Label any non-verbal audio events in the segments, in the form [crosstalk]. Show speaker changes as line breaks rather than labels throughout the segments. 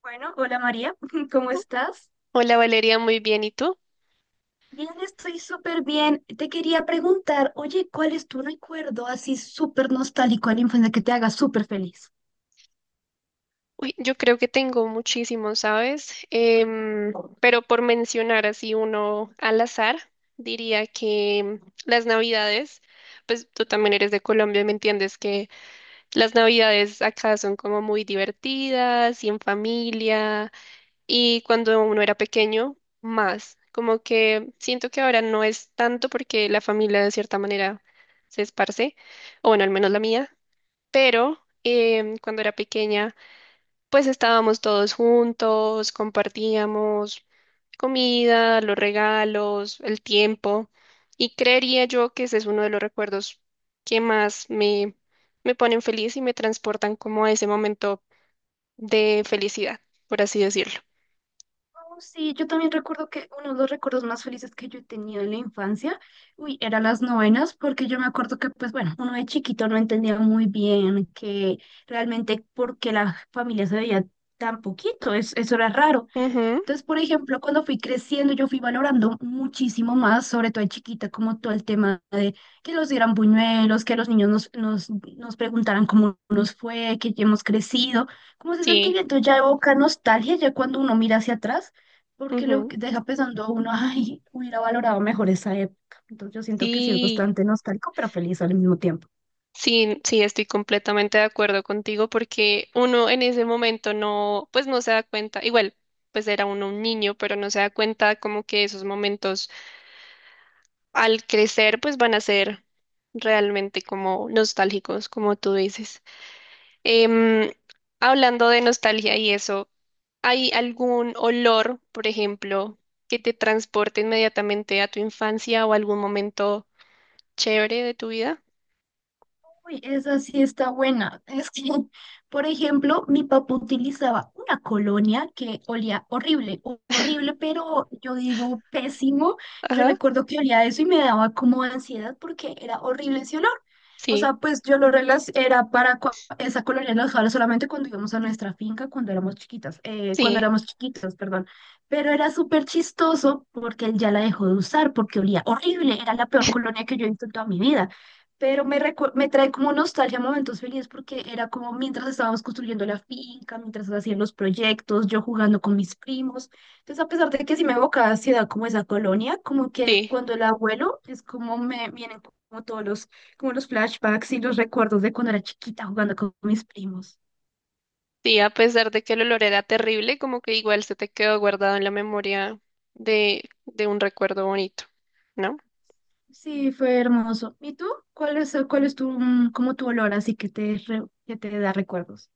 Bueno, hola María, [laughs] ¿cómo estás?
Hola Valeria, muy bien. ¿Y tú?
Bien, estoy súper bien. Te quería preguntar, oye, ¿cuál es tu recuerdo así súper nostálgico de la infancia que te haga súper feliz?
Uy, yo creo que tengo muchísimos, ¿sabes? Pero por mencionar así uno al azar, diría que las Navidades, pues tú también eres de Colombia y me entiendes que las Navidades acá son como muy divertidas y en familia y cuando uno era pequeño, más. Como que siento que ahora no es tanto porque la familia de cierta manera se esparce, o bueno, al menos la mía. Pero cuando era pequeña, pues estábamos todos juntos, compartíamos comida, los regalos, el tiempo, y creería yo que ese es uno de los recuerdos que más me ponen feliz y me transportan como a ese momento de felicidad, por así decirlo.
Oh, sí, yo también recuerdo que uno de los recuerdos más felices que yo he tenido en la infancia, uy, eran las novenas, porque yo me acuerdo que, pues bueno, uno de chiquito no entendía muy bien que realmente porque la familia se veía tan poquito, eso era raro.
Ujú,
Entonces, por ejemplo, cuando fui creciendo, yo fui valorando muchísimo más, sobre todo de chiquita, como todo el tema de que los dieran buñuelos, que los niños nos preguntaran cómo nos fue, que ya hemos crecido, como ese
sí,
sentimiento ya evoca nostalgia ya cuando uno mira hacia atrás, porque lo
ujú,
que deja pensando a uno, ay, hubiera valorado mejor esa época. Entonces, yo siento que sí es
sí.
bastante nostálgico, pero feliz al mismo tiempo.
Sí, sí, estoy completamente de acuerdo contigo porque uno en ese momento no, pues no se da cuenta, igual, pues era uno un niño, pero no se da cuenta como que esos momentos al crecer pues van a ser realmente como nostálgicos, como tú dices. Em, hablando de nostalgia y eso, ¿hay algún olor, por ejemplo, que te transporte inmediatamente a tu infancia o algún momento chévere de tu vida?
Uy, esa sí está buena. Es que, [laughs] por ejemplo, mi papá utilizaba una colonia que olía horrible, horrible, pero yo digo pésimo. Yo
Ajá,
recuerdo que olía eso y me daba como ansiedad porque era horrible ese olor. O
sí,
sea, pues yo lo relac era para cua- esa colonia la usaba solamente cuando íbamos a nuestra finca cuando éramos chiquitas, cuando
sí,
éramos chiquitos, perdón. Pero era súper chistoso porque él ya la dejó de usar porque olía horrible. Era la peor colonia que yo he visto en toda mi vida, pero me trae como nostalgia momentos felices porque era como mientras estábamos construyendo la finca, mientras hacían los proyectos, yo jugando con mis primos. Entonces, a pesar de que sí me evocaba ansiedad como esa colonia, como que
sí.
cuando el abuelo es como me vienen como todos como los flashbacks y los recuerdos de cuando era chiquita jugando con mis primos.
Sí, a pesar de que el olor era terrible, como que igual se te quedó guardado en la memoria de un recuerdo bonito, ¿no?
Sí, fue hermoso. ¿Y tú? ¿Cuál es tu, como tu olor así que te, que te da recuerdos?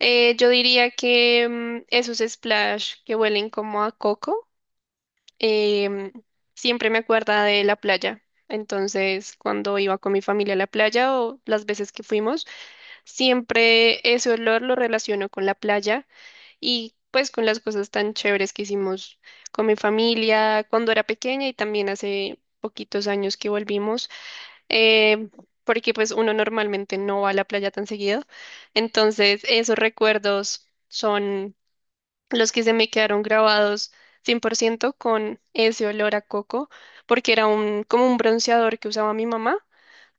Yo diría que esos splash que huelen como a coco, em, siempre me acuerda de la playa. Entonces, cuando iba con mi familia a la playa o las veces que fuimos, siempre ese olor lo relaciono con la playa. Y pues con las cosas tan chéveres que hicimos con mi familia cuando era pequeña y también hace poquitos años que volvimos, eh, porque pues uno normalmente no va a la playa tan seguido. Entonces esos recuerdos son los que se me quedaron grabados 100% con ese olor a coco, porque era un, como un bronceador que usaba mi mamá.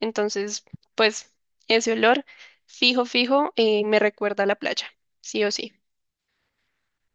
Entonces, pues ese olor fijo, fijo, me recuerda a la playa, sí o sí.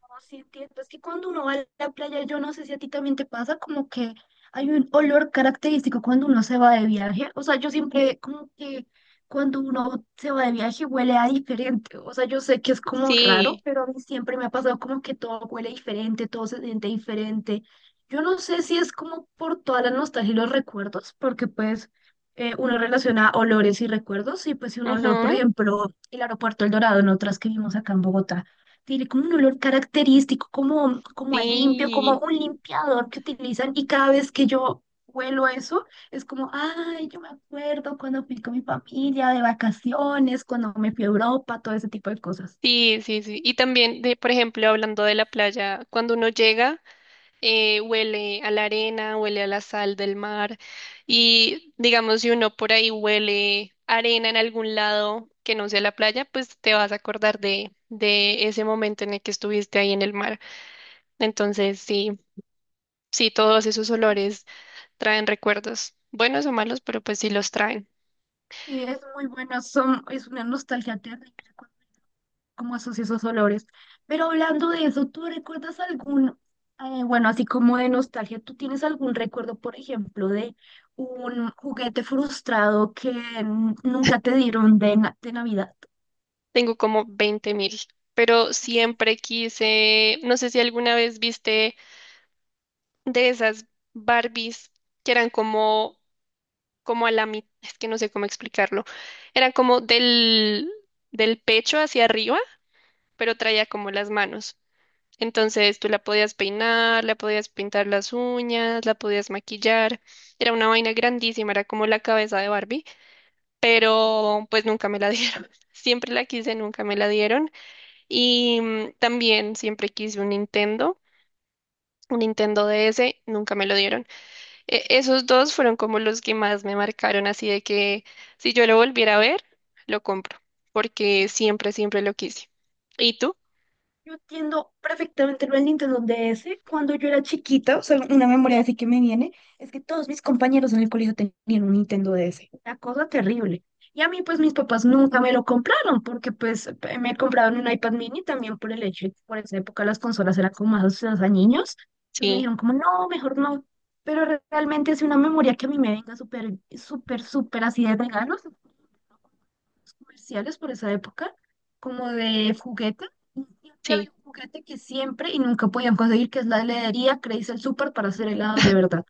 No, sí, entiendo. Es que cuando uno va a la playa, yo no sé si a ti también te pasa, como que hay un olor característico cuando uno se va de viaje. O sea, yo siempre, como que cuando uno se va de viaje huele a diferente. O sea, yo sé que es como raro,
Sí,
pero a mí siempre me ha pasado como que todo huele diferente, todo se siente diferente. Yo no sé si es como por toda la nostalgia y los recuerdos, porque pues uno relaciona olores y recuerdos, y pues si un olor, por
ujú,
ejemplo, el aeropuerto El Dorado, en otras que vimos acá en Bogotá tiene como un olor característico, como a limpio, como
sí,
un limpiador que utilizan y cada vez que yo huelo eso, es como, ay, yo me acuerdo cuando fui con mi familia de vacaciones, cuando me fui a Europa, todo ese tipo de cosas.
sí, sí, sí. Y también, de, por ejemplo, hablando de la playa, cuando uno llega, huele a la arena, huele a la sal del mar y digamos, si uno por ahí huele arena en algún lado que no sea la playa, pues te vas a acordar de ese momento en el que estuviste ahí en el mar. Entonces, sí, sí, todos esos olores traen recuerdos, buenos o malos, pero pues sí los traen.
Sí, es muy bueno, es una nostalgia terrible como esos olores. Pero hablando de eso, ¿tú recuerdas algún, bueno, así como de nostalgia, ¿tú tienes algún recuerdo, por ejemplo, de un juguete frustrado que nunca te dieron de, de Navidad?
Tengo como 20.000, pero siempre quise, no sé si alguna vez viste de esas Barbies que eran como, como a la mitad, es que no sé cómo explicarlo, eran como del pecho hacia arriba, pero traía como las manos. Entonces tú la podías peinar, la podías pintar las uñas, la podías maquillar. Era una vaina grandísima, era como la cabeza de Barbie, pero pues nunca me la dieron. [laughs] Siempre la quise, nunca me la dieron. Y también siempre quise un Nintendo DS, nunca me lo dieron. Esos dos fueron como los que más me marcaron, así de que si yo lo volviera a ver, lo compro, porque siempre, siempre lo quise. ¿Y tú?
Yo entiendo perfectamente lo del Nintendo DS. Cuando yo era chiquita, o sea, una memoria así que me viene, es que todos mis compañeros en el colegio tenían un Nintendo DS. Una cosa terrible. Y a mí, pues, mis papás nunca me lo compraron, porque, pues, me compraron un iPad mini también por el hecho de que por esa época las consolas eran como más asociadas a niños. Entonces me
Sí,
dijeron como, no, mejor no. Pero realmente es una memoria que a mí me venga súper así de regalo comerciales por esa época, como de juguete. Y siempre
sí,
había un juguete que siempre y nunca podían conseguir, que es la heladería Crazy el Super para hacer helados de verdad.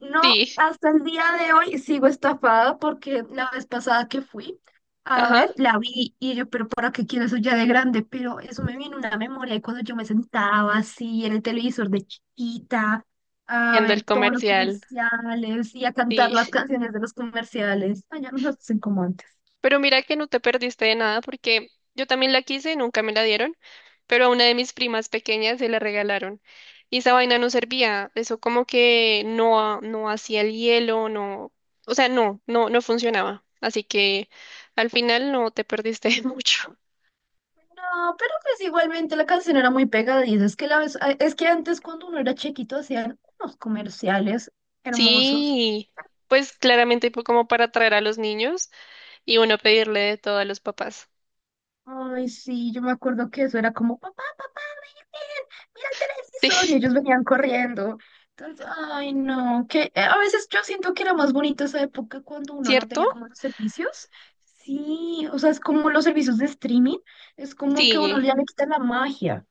No,
sí, [laughs]
hasta el día de hoy sigo estafada porque la vez pasada que fui, a
ajá,
ver, la vi y yo, pero ¿para qué quiero eso ya de grande? Pero eso me viene una memoria de cuando yo me sentaba así en el televisor de chiquita, a
viendo el
ver todos los
comercial,
comerciales y a cantar las
sí.
canciones de los comerciales. Ay, ya no nos hacen como antes.
Pero mira que no te perdiste de nada porque yo también la quise, nunca me la dieron, pero a una de mis primas pequeñas se la regalaron. Y esa vaina no servía, eso como que no, no hacía el hielo, no, o sea, no, no, no funcionaba. Así que al final no te perdiste [laughs] de mucho.
No, pero pues igualmente la canción era muy pegadiza. Es que, la vez, es que antes cuando uno era chiquito hacían unos comerciales hermosos.
Sí, pues claramente fue como para atraer a los niños y uno pedirle de todo a los papás.
Ay, sí, yo me acuerdo que eso era como, papá, papá, miren, mira el televisor. Y
[laughs]
ellos
Sí,
venían corriendo. Entonces, ay, no, que a veces yo siento que era más bonito esa época cuando uno no
¿cierto?
tenía como los servicios. Sí, o sea, es como los servicios de streaming, es como que a uno
Sigue.
ya le quita la magia.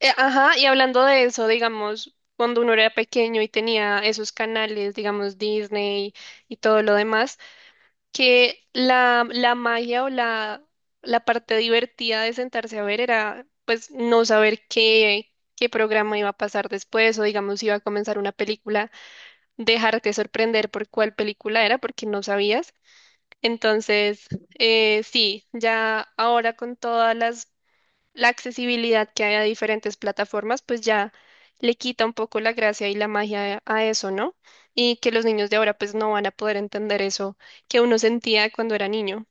Ajá, y hablando de eso, digamos, cuando uno era pequeño y tenía esos canales, digamos, Disney y todo lo demás, que la magia o la parte divertida de sentarse a ver era, pues, no saber qué programa iba a pasar después o, digamos, si iba a comenzar una película, dejarte sorprender por cuál película era porque no sabías. Entonces, sí, ya ahora con todas las la accesibilidad que hay a diferentes plataformas, pues ya le quita un poco la gracia y la magia a eso, ¿no? Y que los niños de ahora pues no van a poder entender eso que uno sentía cuando era niño.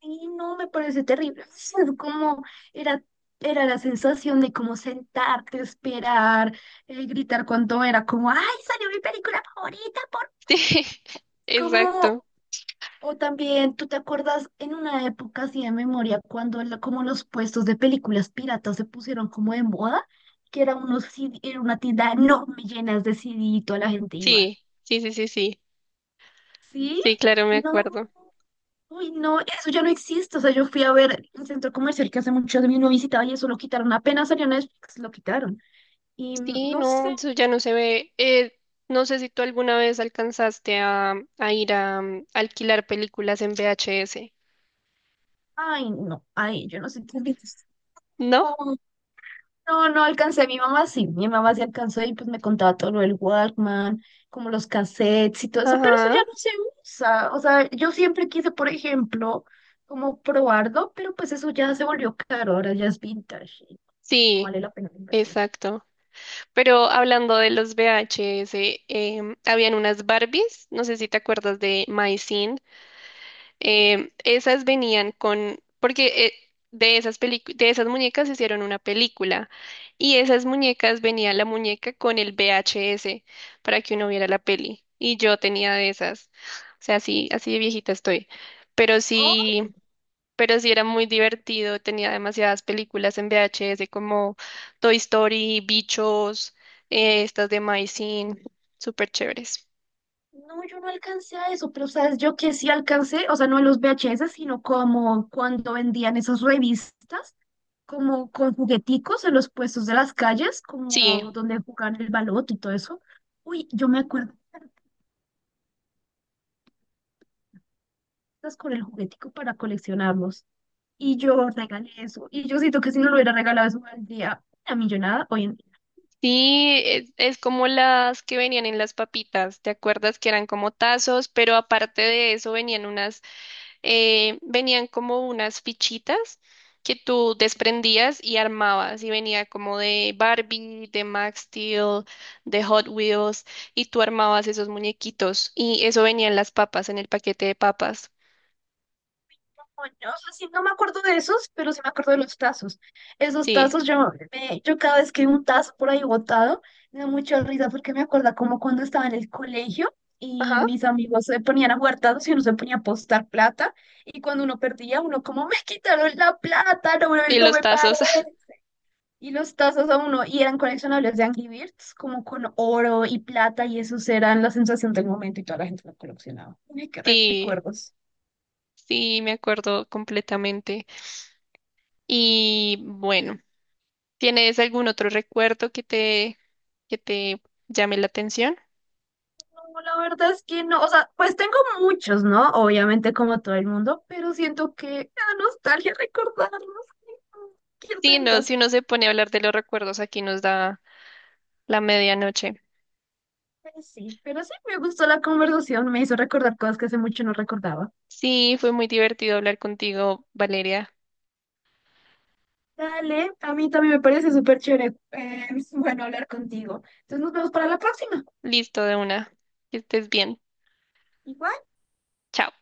Sí, no, me parece terrible. [laughs] Es como era, era la sensación de como sentarte, esperar, gritar cuando era como, ¡ay, salió mi película favorita! Por...
[laughs] Sí,
Como,
exacto.
o también, ¿tú te acuerdas en una época así de memoria cuando como los puestos de películas piratas se pusieron como de moda? Que era, unos CD, era una tienda enorme llenas de CD y toda la gente iba.
Sí, sí, sí, sí, sí.
¿Sí?
Sí, claro, me
No,
acuerdo.
uy, no, eso ya no existe. O sea, yo fui a ver un centro comercial que hace mucho de mí no visitaba y eso lo quitaron. Apenas salió Netflix, lo quitaron. Y
Sí,
no
no,
sé,
eso ya no se ve. No sé si tú alguna vez alcanzaste a ir a alquilar películas en VHS,
ay, no, ay, yo no sé qué es.
¿no?
No, no alcancé. Mi mamá sí alcanzó y pues me contaba todo lo del Walkman, como los cassettes y todo eso, pero eso ya
Ajá,
no se usa. O sea, yo siempre quise, por ejemplo, como probarlo, pero pues eso ya se volvió caro, ahora ya es vintage y no
sí,
vale la pena la inversión.
exacto. Pero hablando de los VHS, habían unas Barbies, no sé si te acuerdas de My Scene, esas venían con, porque de esas de esas muñecas hicieron una película y esas muñecas venía la muñeca con el VHS para que uno viera la peli y yo tenía de esas, o sea, así, así de viejita estoy, pero sí pero sí era muy divertido, tenía demasiadas películas en VHS como Toy Story, Bichos, estas de My Scene, súper chéveres.
No, yo no alcancé a eso, pero sabes, yo que sí alcancé, o sea, no a los VHS, sino como cuando vendían esas revistas, como con jugueticos en los puestos de las calles,
Sí,
como donde jugaban el baloto y todo eso. Uy, yo me acuerdo con el juguetico para coleccionarlos. Y yo regalé eso. Y yo siento que si no lo hubiera regalado eso, día una millonada hoy en...
sí, es como las que venían en las papitas, ¿te acuerdas que eran como tazos? Pero aparte de eso venían unas venían como unas fichitas que tú desprendías y armabas y venía como de Barbie, de Max Steel, de Hot Wheels y tú armabas esos muñequitos y eso venía en las papas, en el paquete de papas.
Bueno, o sea, sí, no me acuerdo de esos, pero sí me acuerdo de los tazos. Esos
Sí.
tazos, yo cada vez que veo un tazo por ahí botado, me da mucha risa porque me acuerda como cuando estaba en el colegio y
Ajá.
mis amigos se ponían a jugar tazos y uno se ponía a apostar plata. Y cuando uno perdía, uno como, me quitaron la plata, no,
Y
no
los
me paré.
tazos. [laughs]
Y los tazos a uno, y eran coleccionables de Angry Birds, como con oro y plata, y esos eran la sensación del momento y toda la gente lo coleccionaba. Uy, qué
Sí,
recuerdos.
sí, me acuerdo completamente. Y bueno, ¿tienes algún otro recuerdo que te llame la atención?
No, la verdad es que no, o sea, pues tengo muchos, ¿no? Obviamente como todo el mundo, pero siento que me da nostalgia recordarlos. Ay, no, quiero
Sí,
tener un
no,
tazo.
si uno se pone a hablar de los recuerdos, aquí nos da la medianoche.
Pues sí, pero sí me gustó la conversación, me hizo recordar cosas que hace mucho no recordaba.
Sí, fue muy divertido hablar contigo, Valeria.
Dale, a mí también me parece súper chévere, [laughs] bueno, hablar contigo. Entonces nos vemos para la próxima.
Listo de una. Que estés bien.
Igual.
Chao.